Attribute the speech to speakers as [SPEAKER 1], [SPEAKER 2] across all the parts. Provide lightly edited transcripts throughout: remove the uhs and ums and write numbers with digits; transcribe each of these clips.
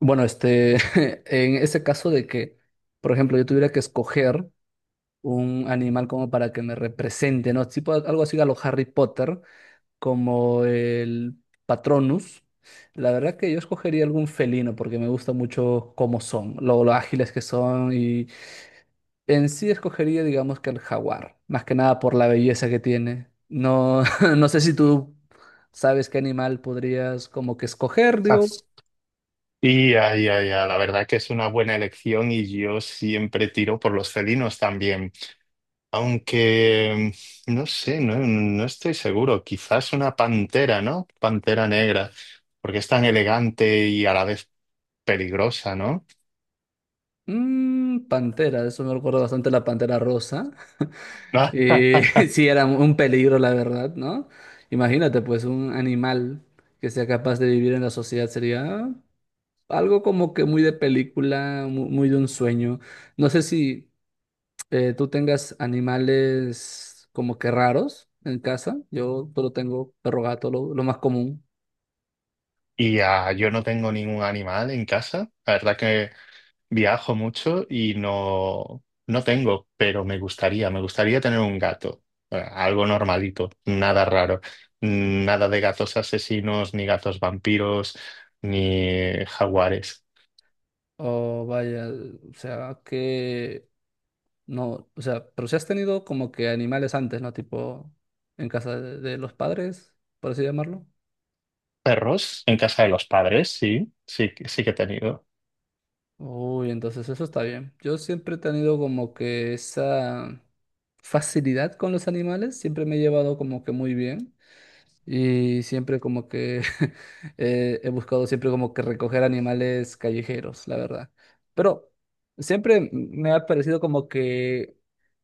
[SPEAKER 1] Bueno, este, en ese caso de que, por ejemplo, yo tuviera que escoger un animal como para que me represente, ¿no? Tipo algo así a lo Harry Potter, como el Patronus. La verdad que yo escogería algún felino porque me gusta mucho cómo son, lo ágiles que son y en sí escogería, digamos que el jaguar, más que nada por la belleza que tiene. No, no sé si tú sabes qué animal podrías como que escoger,
[SPEAKER 2] Ah,
[SPEAKER 1] digo.
[SPEAKER 2] Y ya, ya, ya, la verdad que es una buena elección y yo siempre tiro por los felinos también. Aunque, no sé, no, no estoy seguro. Quizás una pantera, ¿no? Pantera negra, porque es tan elegante y a la vez peligrosa, ¿no?
[SPEAKER 1] Mm, Pantera, eso me recuerda bastante a la Pantera Rosa. Eh, sí, era un peligro, la verdad, ¿no? Imagínate, pues, un animal que sea capaz de vivir en la sociedad sería algo como que muy de película, muy, de un sueño. No sé si tú tengas animales como que raros en casa. Yo solo tengo perro gato, lo más común.
[SPEAKER 2] Y yo no tengo ningún animal en casa. La verdad que viajo mucho y no, no tengo, pero me gustaría tener un gato. Algo normalito, nada raro, nada de gatos asesinos, ni gatos vampiros, ni jaguares.
[SPEAKER 1] Oh, vaya, o sea, que no, o sea, pero si has tenido como que animales antes, ¿no? Tipo en casa de los padres, por así llamarlo.
[SPEAKER 2] Perros en casa de los padres, sí, sí, sí que he tenido.
[SPEAKER 1] Uy, entonces eso está bien. Yo siempre he tenido como que esa facilidad con los animales, siempre me he llevado como que muy bien. Y siempre como que he buscado siempre como que recoger animales callejeros, la verdad. Pero siempre me ha parecido como que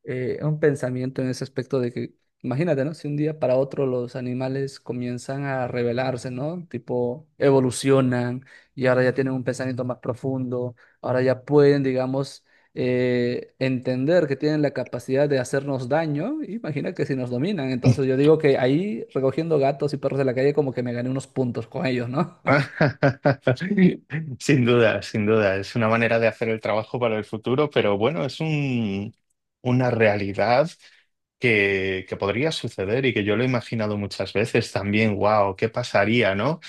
[SPEAKER 1] un pensamiento en ese aspecto de que, imagínate, ¿no? Si un día para otro los animales comienzan a rebelarse, ¿no? Tipo, evolucionan y ahora ya tienen un pensamiento más profundo, ahora ya pueden, digamos, entender que tienen la capacidad de hacernos daño, imagina que si nos dominan. Entonces yo digo que ahí recogiendo gatos y perros de la calle como que me gané unos puntos con ellos, ¿no?
[SPEAKER 2] Sin duda, sin duda. Es una manera de hacer el trabajo para el futuro, pero bueno, es una realidad que podría suceder y que yo lo he imaginado muchas veces también. Wow, ¿qué pasaría, no?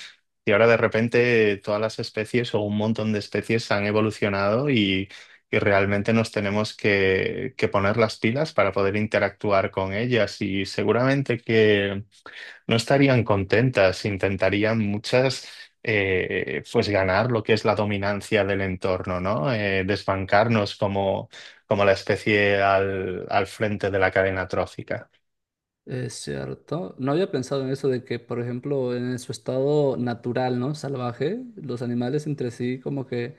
[SPEAKER 2] Y ahora de repente todas las especies o un montón de especies han evolucionado y realmente nos tenemos que poner las pilas para poder interactuar con ellas. Y seguramente no estarían contentas, intentarían muchas pues ganar lo que es la dominancia del entorno, ¿no? Desbancarnos como la especie al frente de la cadena trófica.
[SPEAKER 1] Es cierto. No había pensado en eso de que, por ejemplo, en su estado natural, ¿no? Salvaje, los animales entre sí como que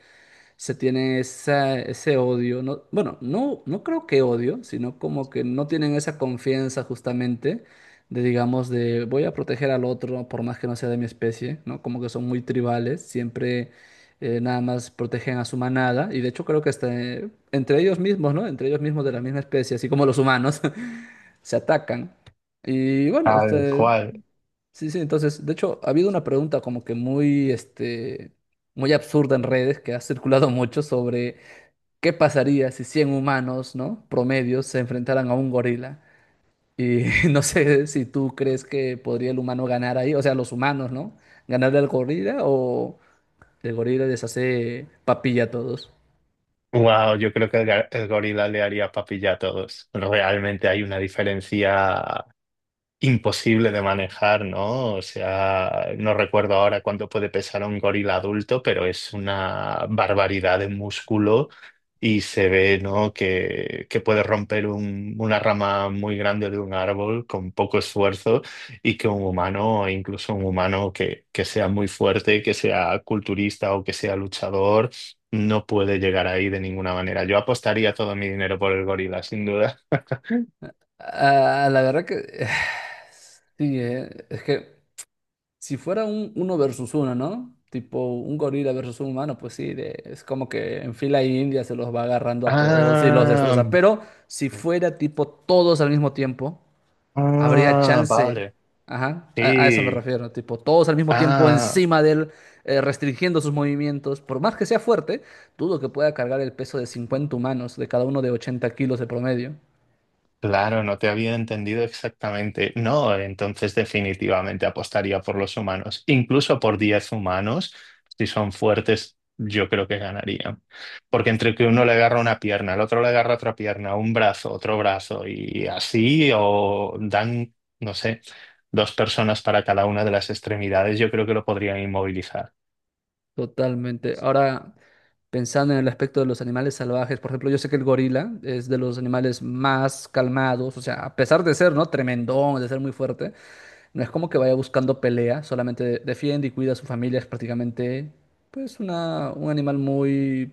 [SPEAKER 1] se tiene ese odio, no, bueno, no, no creo que odio, sino como que no tienen esa confianza justamente de, digamos, de voy a proteger al otro por más que no sea de mi especie, ¿no? Como que son muy tribales, siempre nada más protegen a su manada y de hecho creo que hasta entre ellos mismos, ¿no? Entre ellos mismos de la misma especie, así como los humanos, se atacan. Y bueno,
[SPEAKER 2] Tal
[SPEAKER 1] este,
[SPEAKER 2] cual.
[SPEAKER 1] sí, sí, entonces, de hecho, ha habido una pregunta como que muy, este, muy absurda en redes que ha circulado mucho sobre qué pasaría si 100 humanos, ¿no? Promedios se enfrentaran a un gorila. Y no sé si tú crees que podría el humano ganar ahí, o sea, los humanos, ¿no? Ganarle al gorila o el gorila les hace papilla a todos.
[SPEAKER 2] Wow, yo creo que el gorila le haría papilla a todos. Realmente hay una diferencia imposible de manejar, ¿no? O sea, no recuerdo ahora cuánto puede pesar un gorila adulto, pero es una barbaridad de músculo y se ve, ¿no? Que puede romper una rama muy grande de un árbol con poco esfuerzo y que un humano, incluso un humano que sea muy fuerte, que sea culturista o que sea luchador, no puede llegar ahí de ninguna manera. Yo apostaría todo mi dinero por el gorila, sin duda.
[SPEAKER 1] Ah, la verdad que sí, es que si fuera un uno versus uno, ¿no? Tipo un gorila versus un humano, pues sí, es como que en fila india se los va agarrando a todos y los
[SPEAKER 2] Ah.
[SPEAKER 1] destroza. Pero si fuera tipo todos al mismo tiempo, habría
[SPEAKER 2] Ah,
[SPEAKER 1] chance.
[SPEAKER 2] vale.
[SPEAKER 1] Ajá, a eso me
[SPEAKER 2] Sí.
[SPEAKER 1] refiero. Tipo todos al mismo tiempo
[SPEAKER 2] Ah,
[SPEAKER 1] encima de él, restringiendo sus movimientos. Por más que sea fuerte, dudo que pueda cargar el peso de 50 humanos, de cada uno de 80 kilos de promedio.
[SPEAKER 2] claro, no te había entendido exactamente. No, entonces definitivamente apostaría por los humanos. Incluso por 10 humanos, si son fuertes, yo creo que ganarían. Porque entre que uno le agarra una pierna, el otro le agarra otra pierna, un brazo, otro brazo, y así, o dan, no sé, dos personas para cada una de las extremidades, yo creo que lo podrían inmovilizar.
[SPEAKER 1] Totalmente. Ahora, pensando en el aspecto de los animales salvajes, por ejemplo, yo sé que el gorila es de los animales más calmados, o sea, a pesar de ser, ¿no? Tremendón, de ser muy fuerte, no es como que vaya buscando pelea, solamente defiende y cuida a su familia, es prácticamente, pues, un animal muy,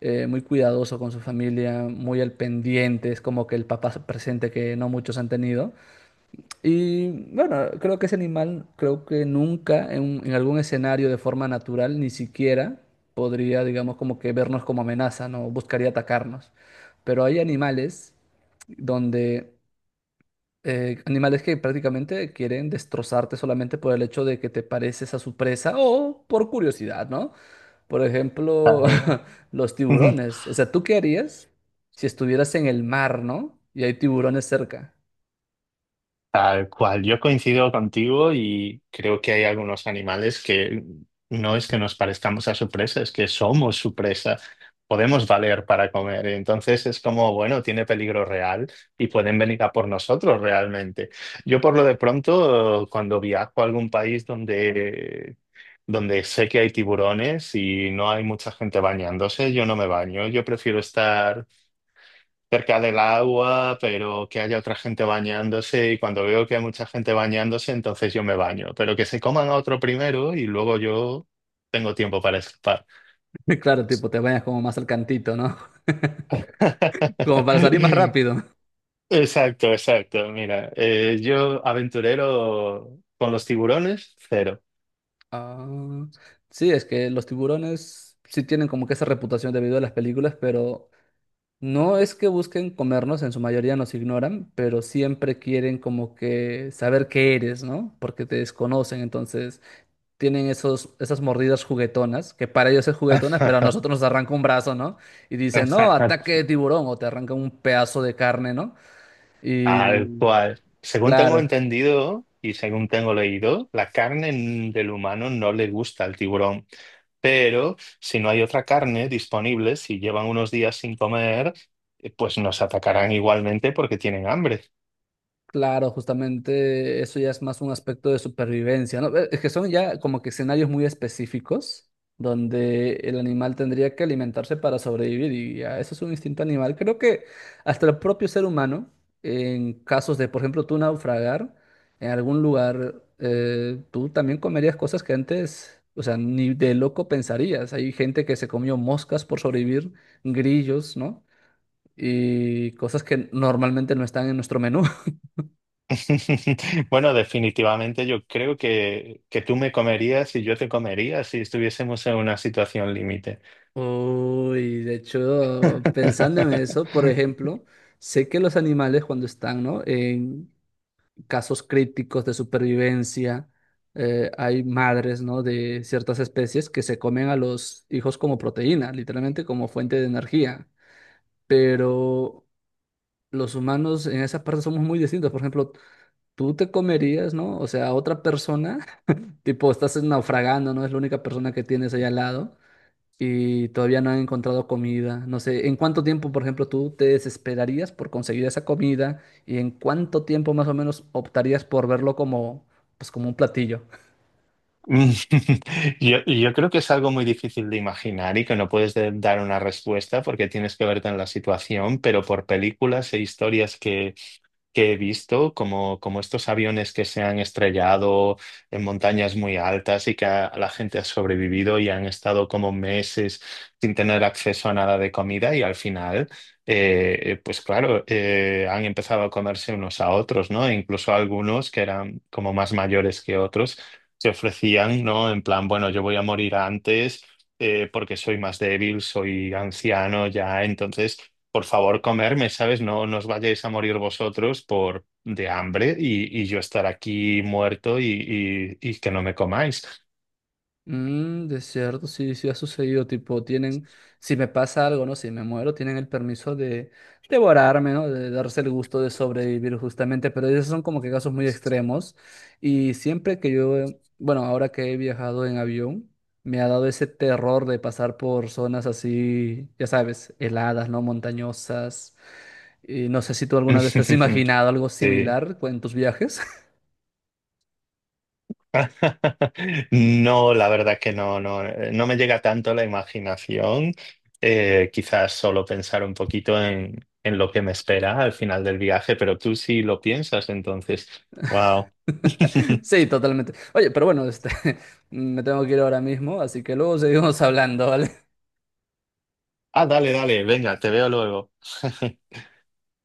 [SPEAKER 1] muy cuidadoso con su familia, muy al pendiente, es como que el papá presente que no muchos han tenido. Y bueno, creo que ese animal, creo que nunca en algún escenario de forma natural, ni siquiera podría, digamos, como que vernos como amenaza, ¿no? Buscaría atacarnos. Pero hay animales donde, animales que prácticamente quieren destrozarte solamente por el hecho de que te pareces a su presa o por curiosidad, ¿no? Por ejemplo, los tiburones. O sea, ¿tú qué harías si estuvieras en el mar, ¿no? Y hay tiburones cerca.
[SPEAKER 2] Tal cual, yo coincido contigo y creo que hay algunos animales que no es que nos parezcamos a su presa, es que somos su presa, podemos valer para comer. Entonces es como, bueno, tiene peligro real y pueden venir a por nosotros realmente. Yo por lo de pronto, cuando viajo a algún país donde sé que hay tiburones y no hay mucha gente bañándose, yo no me baño, yo prefiero estar cerca del agua, pero que haya otra gente bañándose y cuando veo que hay mucha gente bañándose, entonces yo me baño, pero que se coman a otro primero y luego yo tengo tiempo para escapar.
[SPEAKER 1] Claro, tipo, te bañas como más al cantito, no, como para salir más rápido.
[SPEAKER 2] Exacto, exacto. Mira, yo aventurero con los tiburones, cero.
[SPEAKER 1] Ah, sí, es que los tiburones sí tienen como que esa reputación debido a las películas, pero no es que busquen comernos, en su mayoría nos ignoran, pero siempre quieren como que saber qué eres, ¿no? Porque te desconocen, entonces tienen esas mordidas juguetonas, que para ellos es juguetonas, pero a nosotros nos arranca un brazo, ¿no? Y dicen, no, ataque de tiburón, o te arranca un pedazo de carne, ¿no? Y
[SPEAKER 2] Tal cual. Según tengo
[SPEAKER 1] claro.
[SPEAKER 2] entendido y según tengo leído, la carne del humano no le gusta al tiburón. Pero si no hay otra carne disponible, si llevan unos días sin comer, pues nos atacarán igualmente porque tienen hambre.
[SPEAKER 1] Claro, justamente eso ya es más un aspecto de supervivencia, ¿no? Es que son ya como que escenarios muy específicos donde el animal tendría que alimentarse para sobrevivir y ya, eso es un instinto animal. Creo que hasta el propio ser humano, en casos de, por ejemplo, tú naufragar en algún lugar, tú también comerías cosas que antes, o sea, ni de loco pensarías. Hay gente que se comió moscas por sobrevivir, grillos, ¿no? Y cosas que normalmente no están en nuestro menú.
[SPEAKER 2] Bueno, definitivamente yo creo que tú me comerías y yo te comería si estuviésemos en una situación límite.
[SPEAKER 1] Uy, de hecho, pensando en eso, por ejemplo, sé que los animales cuando están, ¿no? En casos críticos de supervivencia, hay madres, ¿no? De ciertas especies que se comen a los hijos como proteína, literalmente como fuente de energía. Pero los humanos en esa parte somos muy distintos. Por ejemplo, tú te comerías, ¿no? O sea, a otra persona, tipo, estás naufragando, ¿no? Es la única persona que tienes ahí al lado y todavía no han encontrado comida. No sé, ¿en cuánto tiempo, por ejemplo, tú te desesperarías por conseguir esa comida y en cuánto tiempo más o menos optarías por verlo como, pues, como un platillo?
[SPEAKER 2] Mm, yo creo que es algo muy difícil de imaginar y que no puedes dar una respuesta porque tienes que verte en la situación, pero por películas e historias que he visto, como, como estos aviones que se han estrellado en montañas muy altas y que la gente ha sobrevivido y han estado como meses sin tener acceso a nada de comida y al final, pues claro, han empezado a comerse unos a otros, ¿no? E incluso algunos que eran como más mayores que otros se ofrecían, ¿no? En plan, bueno, yo voy a morir antes. Porque soy más débil, soy anciano ya, entonces por favor, comerme, ¿sabes? No, no os vayáis a morir vosotros por de hambre y yo estar aquí muerto y, y que no me comáis.
[SPEAKER 1] Mm, de cierto, sí, sí ha sucedido, tipo, tienen, si me pasa algo, ¿no? Si me muero, tienen el permiso de devorarme, ¿no? De darse el gusto de sobrevivir justamente, pero esos son como que casos muy extremos. Y siempre que yo, bueno, ahora que he viajado en avión, me ha dado ese terror de pasar por zonas así, ya sabes, heladas, ¿no? Montañosas. Y no sé si tú alguna vez te has imaginado algo
[SPEAKER 2] Sí.
[SPEAKER 1] similar pues, en tus viajes.
[SPEAKER 2] No, la verdad que no, no, no me llega tanto la imaginación. Quizás solo pensar un poquito en lo que me espera al final del viaje, pero tú sí lo piensas, entonces, wow.
[SPEAKER 1] Sí, totalmente. Oye, pero bueno, este, me tengo que ir ahora mismo, así que luego seguimos hablando, ¿vale?
[SPEAKER 2] Ah, dale, dale, venga, te veo luego.